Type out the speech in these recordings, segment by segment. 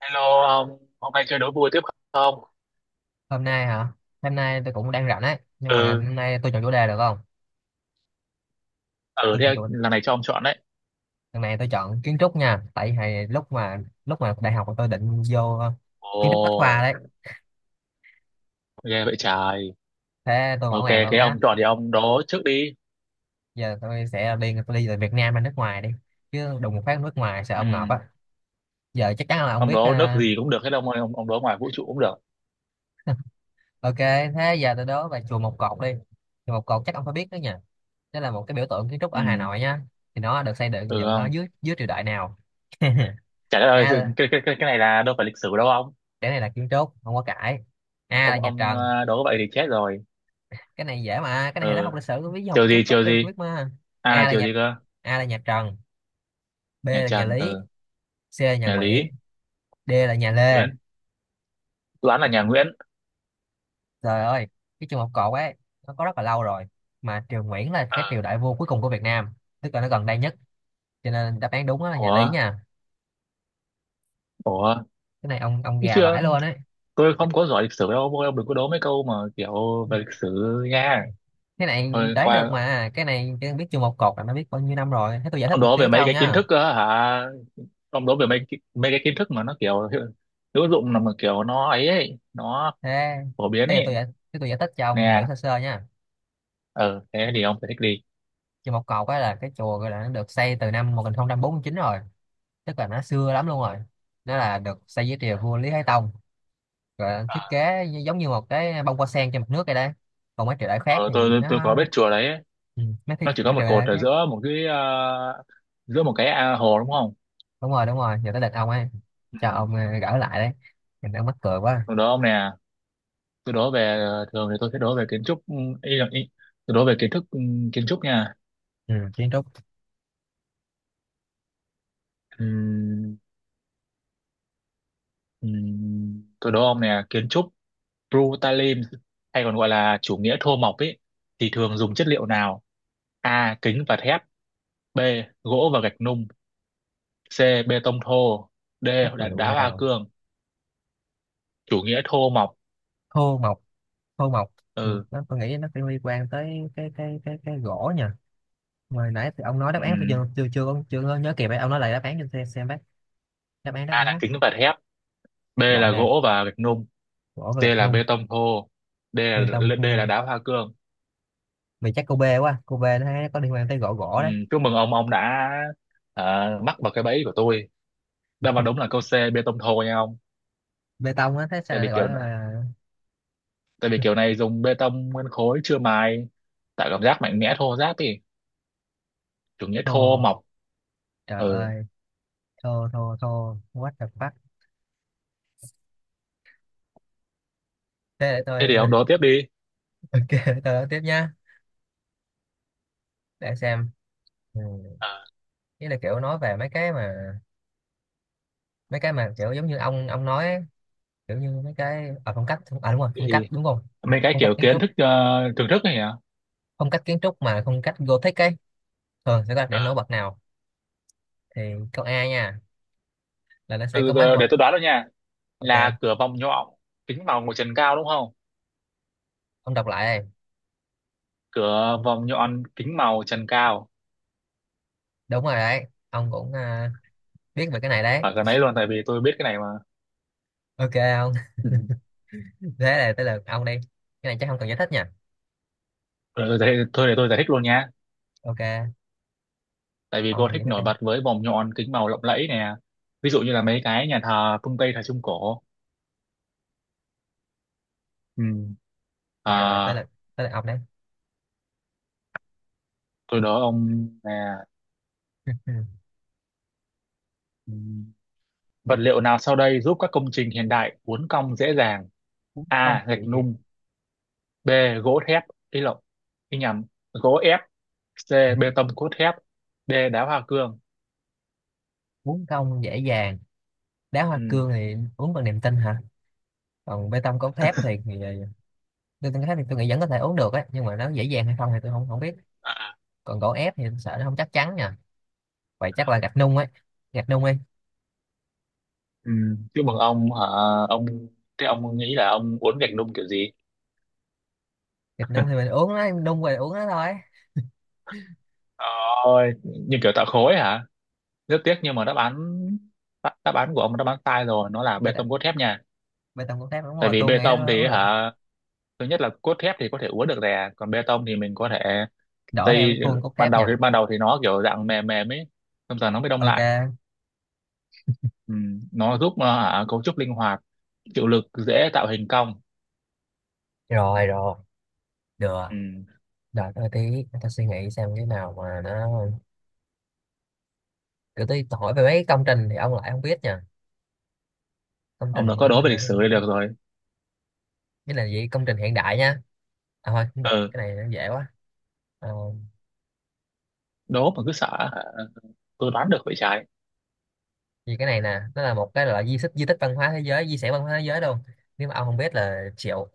Hello ông, hôm nay chơi đố vui tiếp không? Hôm nay hả? Hôm nay tôi cũng đang rảnh ấy, nhưng mà Ừ, hôm nay tôi chọn chủ đề được không? ừ Tôi thế chọn chủ lần này cho ông chọn đấy. Lần này tôi chọn kiến trúc nha, tại vì lúc mà đại học tôi định vô kiến trúc Bách Khoa Ồ, đấy. ghê vậy trời. Thế tôi mở Ok, màn luôn thế nhá. ông chọn thì ông đố trước đi. Giờ tôi đi từ Việt Nam ra nước ngoài đi, chứ đùng một phát nước ngoài sợ ông ngợp Ừ, á. Giờ chắc chắn là ông ông biết đố nước gì cũng được hết ông ơi, ông đố ngoài vũ trụ cũng được. ok. Thế giờ tôi đố về chùa Một Cột đi. Chùa Một Cột chắc ông phải biết đó nha, đó là một cái biểu tượng kiến trúc ở Hà Ừ, Nội nhá. Thì nó được xây dựng ừ dựng ở không? dưới dưới triều đại nào? Chả ơi, cái, A, cái, cái, cái này là đâu phải lịch sử đâu ông. cái này là kiến trúc không có cãi. A là Ông nhà ông Trần. Đố vậy thì chết rồi. Cái này dễ mà, cái này thì nó Ừ, học lịch sử với học chiều gì, kiến trúc chiều đều gì? biết mà. À A là là chiều nhà gì cơ? A là nhà Trần, B Nhà là nhà Trần, Lý, ừ, C là nhà nhà Nguyễn, Lý, D là nhà Lê. Nguyễn. Toán là nhà Nguyễn. Trời ơi, cái trường học cột ấy nó có rất là lâu rồi, mà triều Nguyễn là cái Ờ, triều đại vua cuối cùng của Việt Nam, tức là nó gần đây nhất, cho nên đáp án đúng đó là nhà Lý ủa, nha. ủa, Cái này ông chứ gà chưa? vãi luôn ấy. Tôi không có giỏi lịch sử đâu, ông đừng có đố mấy câu mà kiểu về lịch sử nha. Cái này Thôi đoán được qua. mà, cái này cái biết trường một cột là nó biết bao nhiêu năm rồi. Thế tôi giải Ông thích một đố xíu về cho mấy ông cái kiến nha. thức á hả? Ông đố về mấy cái kiến thức mà nó kiểu hữu hữu dụng, là mà kiểu nó ấy ấy nó Thế phổ biến thế giờ ấy tôi giải Thế tôi giải thích cho ông hiểu nè. sơ sơ nha. Ờ thế thì ông phải thích đi. Chùa Một Cột á là cái chùa, gọi là nó được xây từ năm 1049 rồi, tức là nó xưa lắm luôn rồi. Nó là được xây dưới triều vua Lý Thái Tông, rồi nó thiết kế giống như một cái bông hoa sen trên mặt nước vậy đấy. Còn mấy triều đại khác Ờ, thì tôi nó có biết chùa đấy, nó chỉ có mấy một triều cột đại ở khác. giữa một cái giữa một cái hồ đúng không? Đúng rồi, đúng rồi, giờ tới lượt ông ấy, Ừ. cho ông gỡ lại đấy. Mình đang mắc cười quá. Tôi đố ông nè, tôi đố về thường thì tôi sẽ đố về kiến trúc, ừ, ý là tôi đố về kiến thức, ừ, kiến trúc nha. Ừ, kiến trúc. Ừ. Tôi đố ông nè, kiến trúc Brutalism hay còn gọi là chủ nghĩa thô mộc ấy thì thường dùng chất liệu nào? A. Kính và thép, B. Gỗ và gạch nung, C. Bê tông thô, D. Chất Đá, liệu đá hoa nào? cương. Chủ nghĩa thô mộc. Thô mộc. Thô mộc thì Ừ. nó tôi nghĩ nó phải liên quan tới cái gỗ nhỉ. Hồi nãy thì ông nói đáp án tôi Ừm, chưa có nhớ kịp ấy. Ông nói lại đáp án cho tôi xem bác. Đáp A án là á. kính và thép, B Loại là này, gỗ và gạch nung, gỗ và C gạch là nung, bê tông thô, D là bê tông D là khô. đá hoa cương. Mày chắc cô B quá, cô B, nó thấy có liên quan tới gỗ gỗ đấy. Chúc mừng ông đã mắc vào cái bẫy của tôi. Đáp án đúng là câu C bê tông thô nha ông. Bê tông á, thế sao Tại vì lại gọi kiểu là tại vì kiểu này dùng bê tông nguyên khối chưa mài, tạo cảm giác mạnh mẽ thô ráp đi, chủ nghĩa thô thô. mộc. Trời Ừ ơi, thô thô thô, what the fuck. Thế để thế tôi thì ông đối tiếp đi. ok, để tôi nói tiếp nha. Để xem. Ừ. ờ Ý là kiểu nói về mấy cái mà kiểu giống như ông nói ấy. Kiểu như mấy cái ở phong cách, à đúng rồi, phong thì cách đúng không, mấy cái phong cách kiểu kiến kiến trúc. thức thưởng thức này hả? Phong cách kiến trúc mà phong cách Gothic ấy thường sẽ đặt ờ điểm nổi bật nào? Thì câu A nha, là nó sẽ từ có máy giờ vượt. để tôi đoán rồi nha, là Ok, cửa vòng nhọn, kính màu của trần cao đúng không? ông đọc lại đây. Cửa vòng nhọn, kính màu, trần cao. Đúng rồi đấy, ông cũng biết về cái này đấy. Phải cái đấy luôn tại vì tôi biết cái này mà. Ok ông. Ừ. Thế là tới lượt ông đi, cái này chắc không cần giải thích nha. Thôi để tôi giải thích luôn nha, Ok, tại vì cô ông thích giải thích đi. nổi bật với vòng nhọn, kính màu lộng lẫy nè, ví dụ như là mấy cái nhà thờ phương Tây thời Trung Cổ. Ừ. Rồi rồi, À, tới lượt ông đấy. tôi đố ông là ừm, vật liệu nào sau đây giúp các công trình hiện đại uốn cong dễ dàng? Uống công A. dễ Gạch dàng. nung, B. Gỗ thép ý lộn ý nhầm gỗ ép, C. Bê tông cốt thép, D. Đá hoa cương. Uống công dễ dàng. Đá hoa Ừ. cương thì uống bằng niềm tin hả? Còn bê tông cốt thép thì bê tông cốt thép thì tôi nghĩ vẫn có thể uống được á, nhưng mà nó dễ dàng hay không thì tôi không không biết. À. Còn gỗ ép thì tôi sợ nó không chắc chắn nha. Vậy chắc là gạch nung ấy, gạch nung đi. Ừ. Chúc mừng ông hả ông, thế ông nghĩ là ông uốn gạch nung kiểu gì? Thịt nung thì mình uống nó, em đun rồi uống nó thôi. Ôi, như kiểu tạo khối hả? Rất tiếc nhưng mà đáp án, đáp đáp án của ông là đáp án sai rồi, nó là bê Thịt à? tông cốt thép nha. Bê tông cốt thép đúng Tại rồi, vì tôi bê nghĩ tông nó thì uống được, hả, thứ nhất là cốt thép thì có thể uốn được rè, còn bê tông thì mình có thể đổ theo cái xây, khuôn cốt ban thép đầu thì nha. ban đầu thì nó kiểu dạng mềm mềm ấy, xong rồi nó mới đông lại. Ok, Ừ. Nó giúp hả, cấu trúc linh hoạt, chịu lực, dễ tạo hình cong. rồi rồi, được. Ừ. Đợi tôi tí, để tôi suy nghĩ xem cái nào mà nó. Cứ tí tôi hỏi về mấy công trình thì ông lại không biết nha. Công trình Ông đã thì có cũng đố về là lịch sử đây được rồi. cái là gì công trình hiện đại nha. À thôi cũng được, Ừ, cái này nó dễ quá. Ờ, đố mà cứ sợ hả, tôi đoán được vậy trái. vì cái này nè, nó là một cái loại di tích văn hóa thế giới, di sản văn hóa thế giới luôn, nếu mà ông không biết là chịu.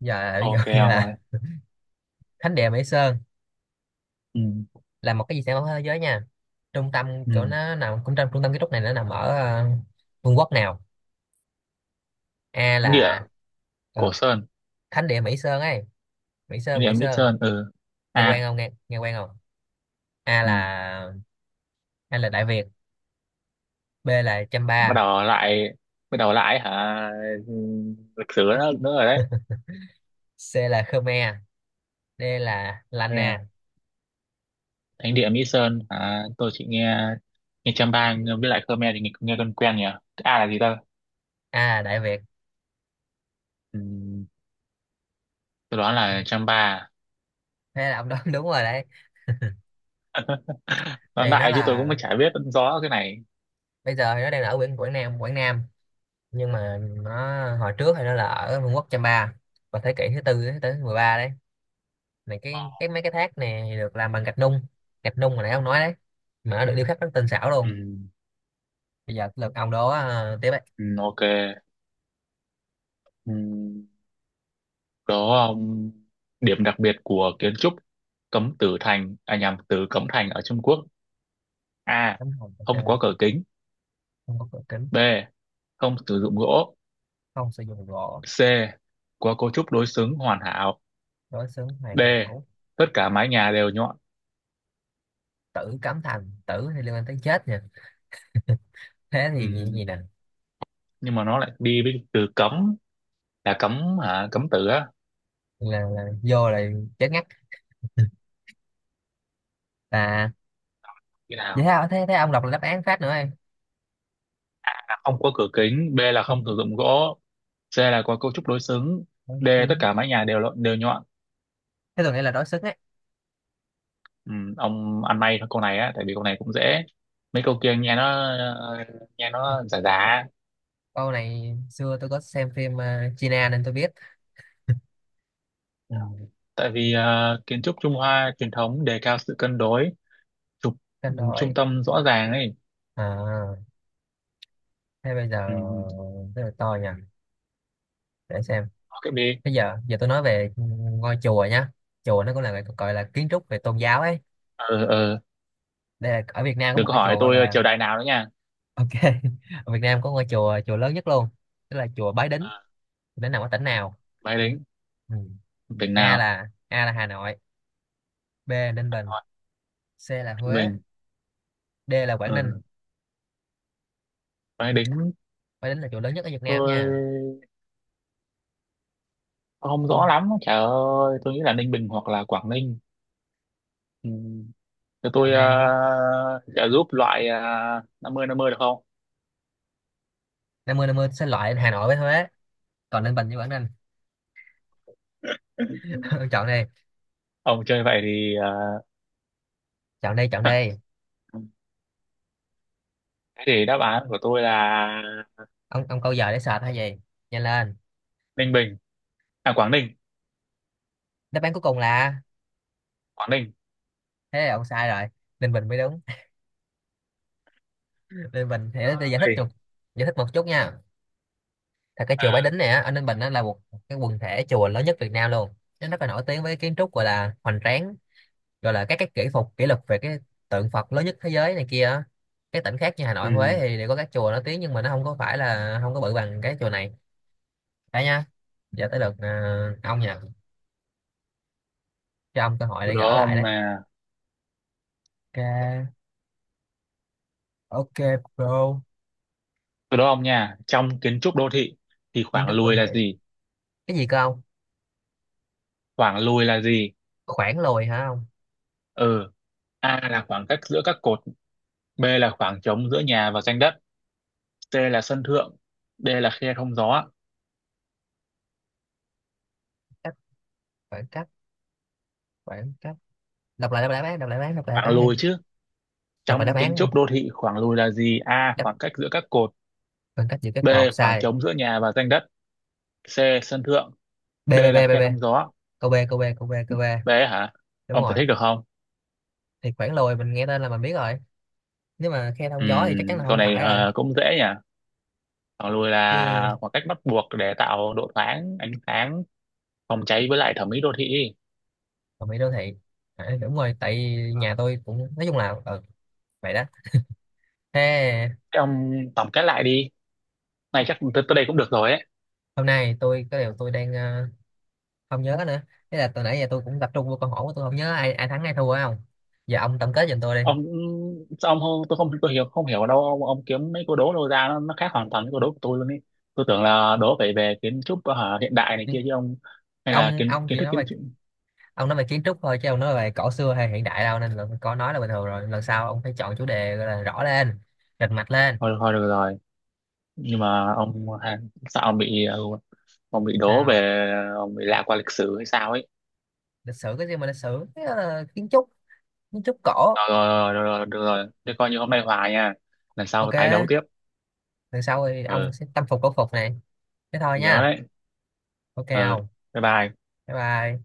Bây giờ Ok như ông ơi. là thánh địa Mỹ Sơn Ừ. là một cái di sản văn hóa thế giới nha. Trung tâm kiểu Ừ. nó nằm cũng trong trung tâm kiến trúc, này nó nằm ở vương quốc nào? A Thánh địa là Cổ ờ, Sơn, thánh địa Mỹ Sơn ấy, Mỹ thánh Sơn địa Mỹ Mỹ Sơn, Sơn. Ừ. nghe quen À. không, nghe nghe quen không? a Ừ. là A là Đại Việt, B là Chăm, Bắt đầu lại, bắt đầu lại hả? Ừ, lịch sử nữa, nữa rồi C là Khmer, D là đấy. Lana. Thánh địa Mỹ Sơn à, tôi chỉ nghe nghe Champa với lại Khmer thì nghe quen quen nhỉ. A là gì ta? A là Đại Việt. Ừm, tôi đoán là Champa à? Thế là ông đoán đúng rồi đấy. Nó Thì nó đại chứ tôi là, cũng chả biết rõ cái này. bây giờ thì nó đang ở Quảng Quảng Nam, Quảng Nam, nhưng mà nó hồi trước thì nó là ở Vương quốc Chăm Pa vào thế kỷ thứ tư thứ tới 13 đấy. Này cái mấy cái thác nè thì được làm bằng gạch nung, gạch nung mà nãy ông nói đấy, mà nó được điêu khắc rất tinh xảo luôn. Ừm, Bây giờ lượt ông đó, tiếp đấy. Ok. Ừm, đó, điểm đặc biệt của kiến trúc Cấm Tử Thành à nhằm từ Cấm Thành ở Trung Quốc. A, Tấm hồng ok. không có cửa kính, Không có cửa kính. B, không sử dụng gỗ, Không sử dụng gỗ. C, có cấu trúc đối xứng hoàn hảo, Đối xứng D, hoàn hảo. tất cả mái nhà đều nhọn. Tử Cấm Thành, tử thì liên quan tới chết nha, thế thì gì, gì nè? Nhưng mà nó lại đi với từ cấm, là cấm hả, cấm tự á. Là chết ngắt là. Như Vậy nào? thế, thế thế ông đọc là đáp án phát nữa em. A, không có cửa kính, B là Không. không sử dụng gỗ, C là có cấu trúc đối xứng, Đối D tất xứng. cả mái nhà đều đều nhọn. Thế tôi nghĩ là đối xứng ấy. Ừ, ông ăn may thôi câu này á, tại vì câu này cũng dễ. Mấy câu kia nghe nó ờ, nghe nó giả giả. Câu này xưa tôi có xem phim China nên tôi biết. Ừ. Tại vì kiến trúc Trung Hoa truyền thống đề cao sự cân đối, trục Cân trung đối. tâm rõ ràng ấy. À thế bây giờ Ừ. rất là to nha, để xem. Ok đi. Bây giờ giờ tôi nói về ngôi chùa nhá. Chùa nó cũng là gọi là kiến trúc về tôn giáo ấy. ờ ờ Đây là ở Việt Nam có đừng một có cái hỏi chùa gọi tôi là triều đại nào nữa nha. ok. Ở Việt Nam có ngôi chùa chùa lớn nhất luôn, tức là chùa Bái Đính. Ờ, Nó nằm ở tỉnh nào? máy đính, Ừ. tỉnh nào, A là Hà Nội, B là Ninh Bình, hỏi C là tỉnh Huế, mình. D là Quảng Ninh. Ừ. Máy đính, Bái Đính là chùa lớn nhất ở Việt Nam nha. tôi không Tôi rõ lắm trời ơi, tôi nghĩ là Ninh Bình hoặc là Quảng Ninh. Ừ. Cho tôi chọn này, trợ giúp loại 50-50 được không? 50/50 xin loại Hà Nội với Huế, còn Ninh Bình với Quảng Ninh. Ông chọn đi, Ông chơi vậy thì chọn đi, chọn đi. thế thì đáp án của tôi là Ông câu giờ để sệt hay gì? Nhanh lên. Ninh Bình, à Quảng Ninh, Đáp án cuối cùng là, Quảng Ninh. thế là ông sai rồi. Ninh Bình mới đúng. Ninh Bình thì để Ôi. Giải thích một chút nha. Thật cái chùa Bái À. Đính này á, ở Ninh Bình, nó là một cái quần thể chùa lớn nhất Việt Nam luôn, nó rất là nổi tiếng với kiến trúc gọi là hoành tráng, gọi là các cái kỹ phục kỷ lục về cái tượng Phật lớn nhất thế giới này kia á. Các tỉnh khác như Hà Ừ. Nội, Huế thì đều có các chùa nổi tiếng, nhưng mà nó không có phải là, không có bự bằng cái chùa này đấy nha. Giờ tới lượt à, ông nha, cho ông cơ hội từ để gỡ đó lại ông đấy. là Ok, ok bro. từ đó ông nha, trong kiến trúc đô thị thì Kiến khoảng trúc đô lùi là thị. gì? Cái gì cơ ông? Khoảng lùi là gì? Khoảng lùi hả ông? Ừ. A là khoảng cách giữa các cột, B là khoảng trống giữa nhà và ranh đất, C là sân thượng, D là khe thông gió. cách Khoảng cách, khoảng cách. Đọc lại bán đọc lại Khoảng lùi bán. chứ. Đọc lại Trong đáp án kiến nha. trúc đô thị khoảng lùi là gì? A. Đáp, Khoảng cách giữa các cột, khoảng cách giữa các B. cột Khoảng sai. trống giữa nhà và ranh đất, C. Sân thượng, B D b là b b khe B. thông gió. Câu B B. hả? Đúng Ông giải rồi. thích được không? Thì khoảng lồi mình nghe tên là mình biết rồi, nếu mà khe thông gió thì chắc chắn là Câu không này phải rồi cũng dễ nhỉ. Khoảng lùi chứ. là khoảng cách bắt buộc để tạo độ thoáng, ánh sáng, phòng cháy với lại thẩm mỹ đô thị. Còn bị đô thị, à đúng rồi, tại vì nhà tôi cũng, nói chung là ừ, vậy đó. Thế. Thế ông tổng kết lại đi. Này chắc tới tới đây cũng được rồi ấy. Hôm nay tôi có điều tôi đang không nhớ nữa. Thế là từ nãy giờ tôi cũng tập trung vô câu hỏi của tôi, không nhớ ai ai thắng ai thua phải không? Giờ ông tổng kết giùm tôi đi. Ông, sao ông không, tôi không, tôi hiểu không hiểu ở đâu ông kiếm mấy câu đố đâu ra, nó khác hoàn toàn với câu đố của tôi luôn ý. Tôi tưởng là đố phải về kiến trúc hả, hiện đại này kia chứ ông, hay là kiến Ông kiến chỉ thức nói kiến về, trúc. ông nói về kiến trúc thôi chứ ông nói về cổ xưa hay hiện đại đâu, nên là có nói là bình thường rồi, lần sau ông phải chọn chủ đề gọi là rõ lên, rành mạch lên. Thôi thôi được rồi, nhưng mà ông hả, sao ông bị ông bị đố Sao? về, ông bị lạc qua lịch sử hay sao ấy. Lịch sử cái gì mà lịch sử? Thế là kiến trúc cổ. Rồi rồi rồi, rồi, được rồi, thế coi như hôm nay hòa nha, lần sau tái đấu Ok, tiếp. lần sau thì ông Ừ. sẽ tâm phục khẩu phục này. Thế thôi Nhớ nha. đấy. Ok Ừ. không? Bye bye. Bye bye.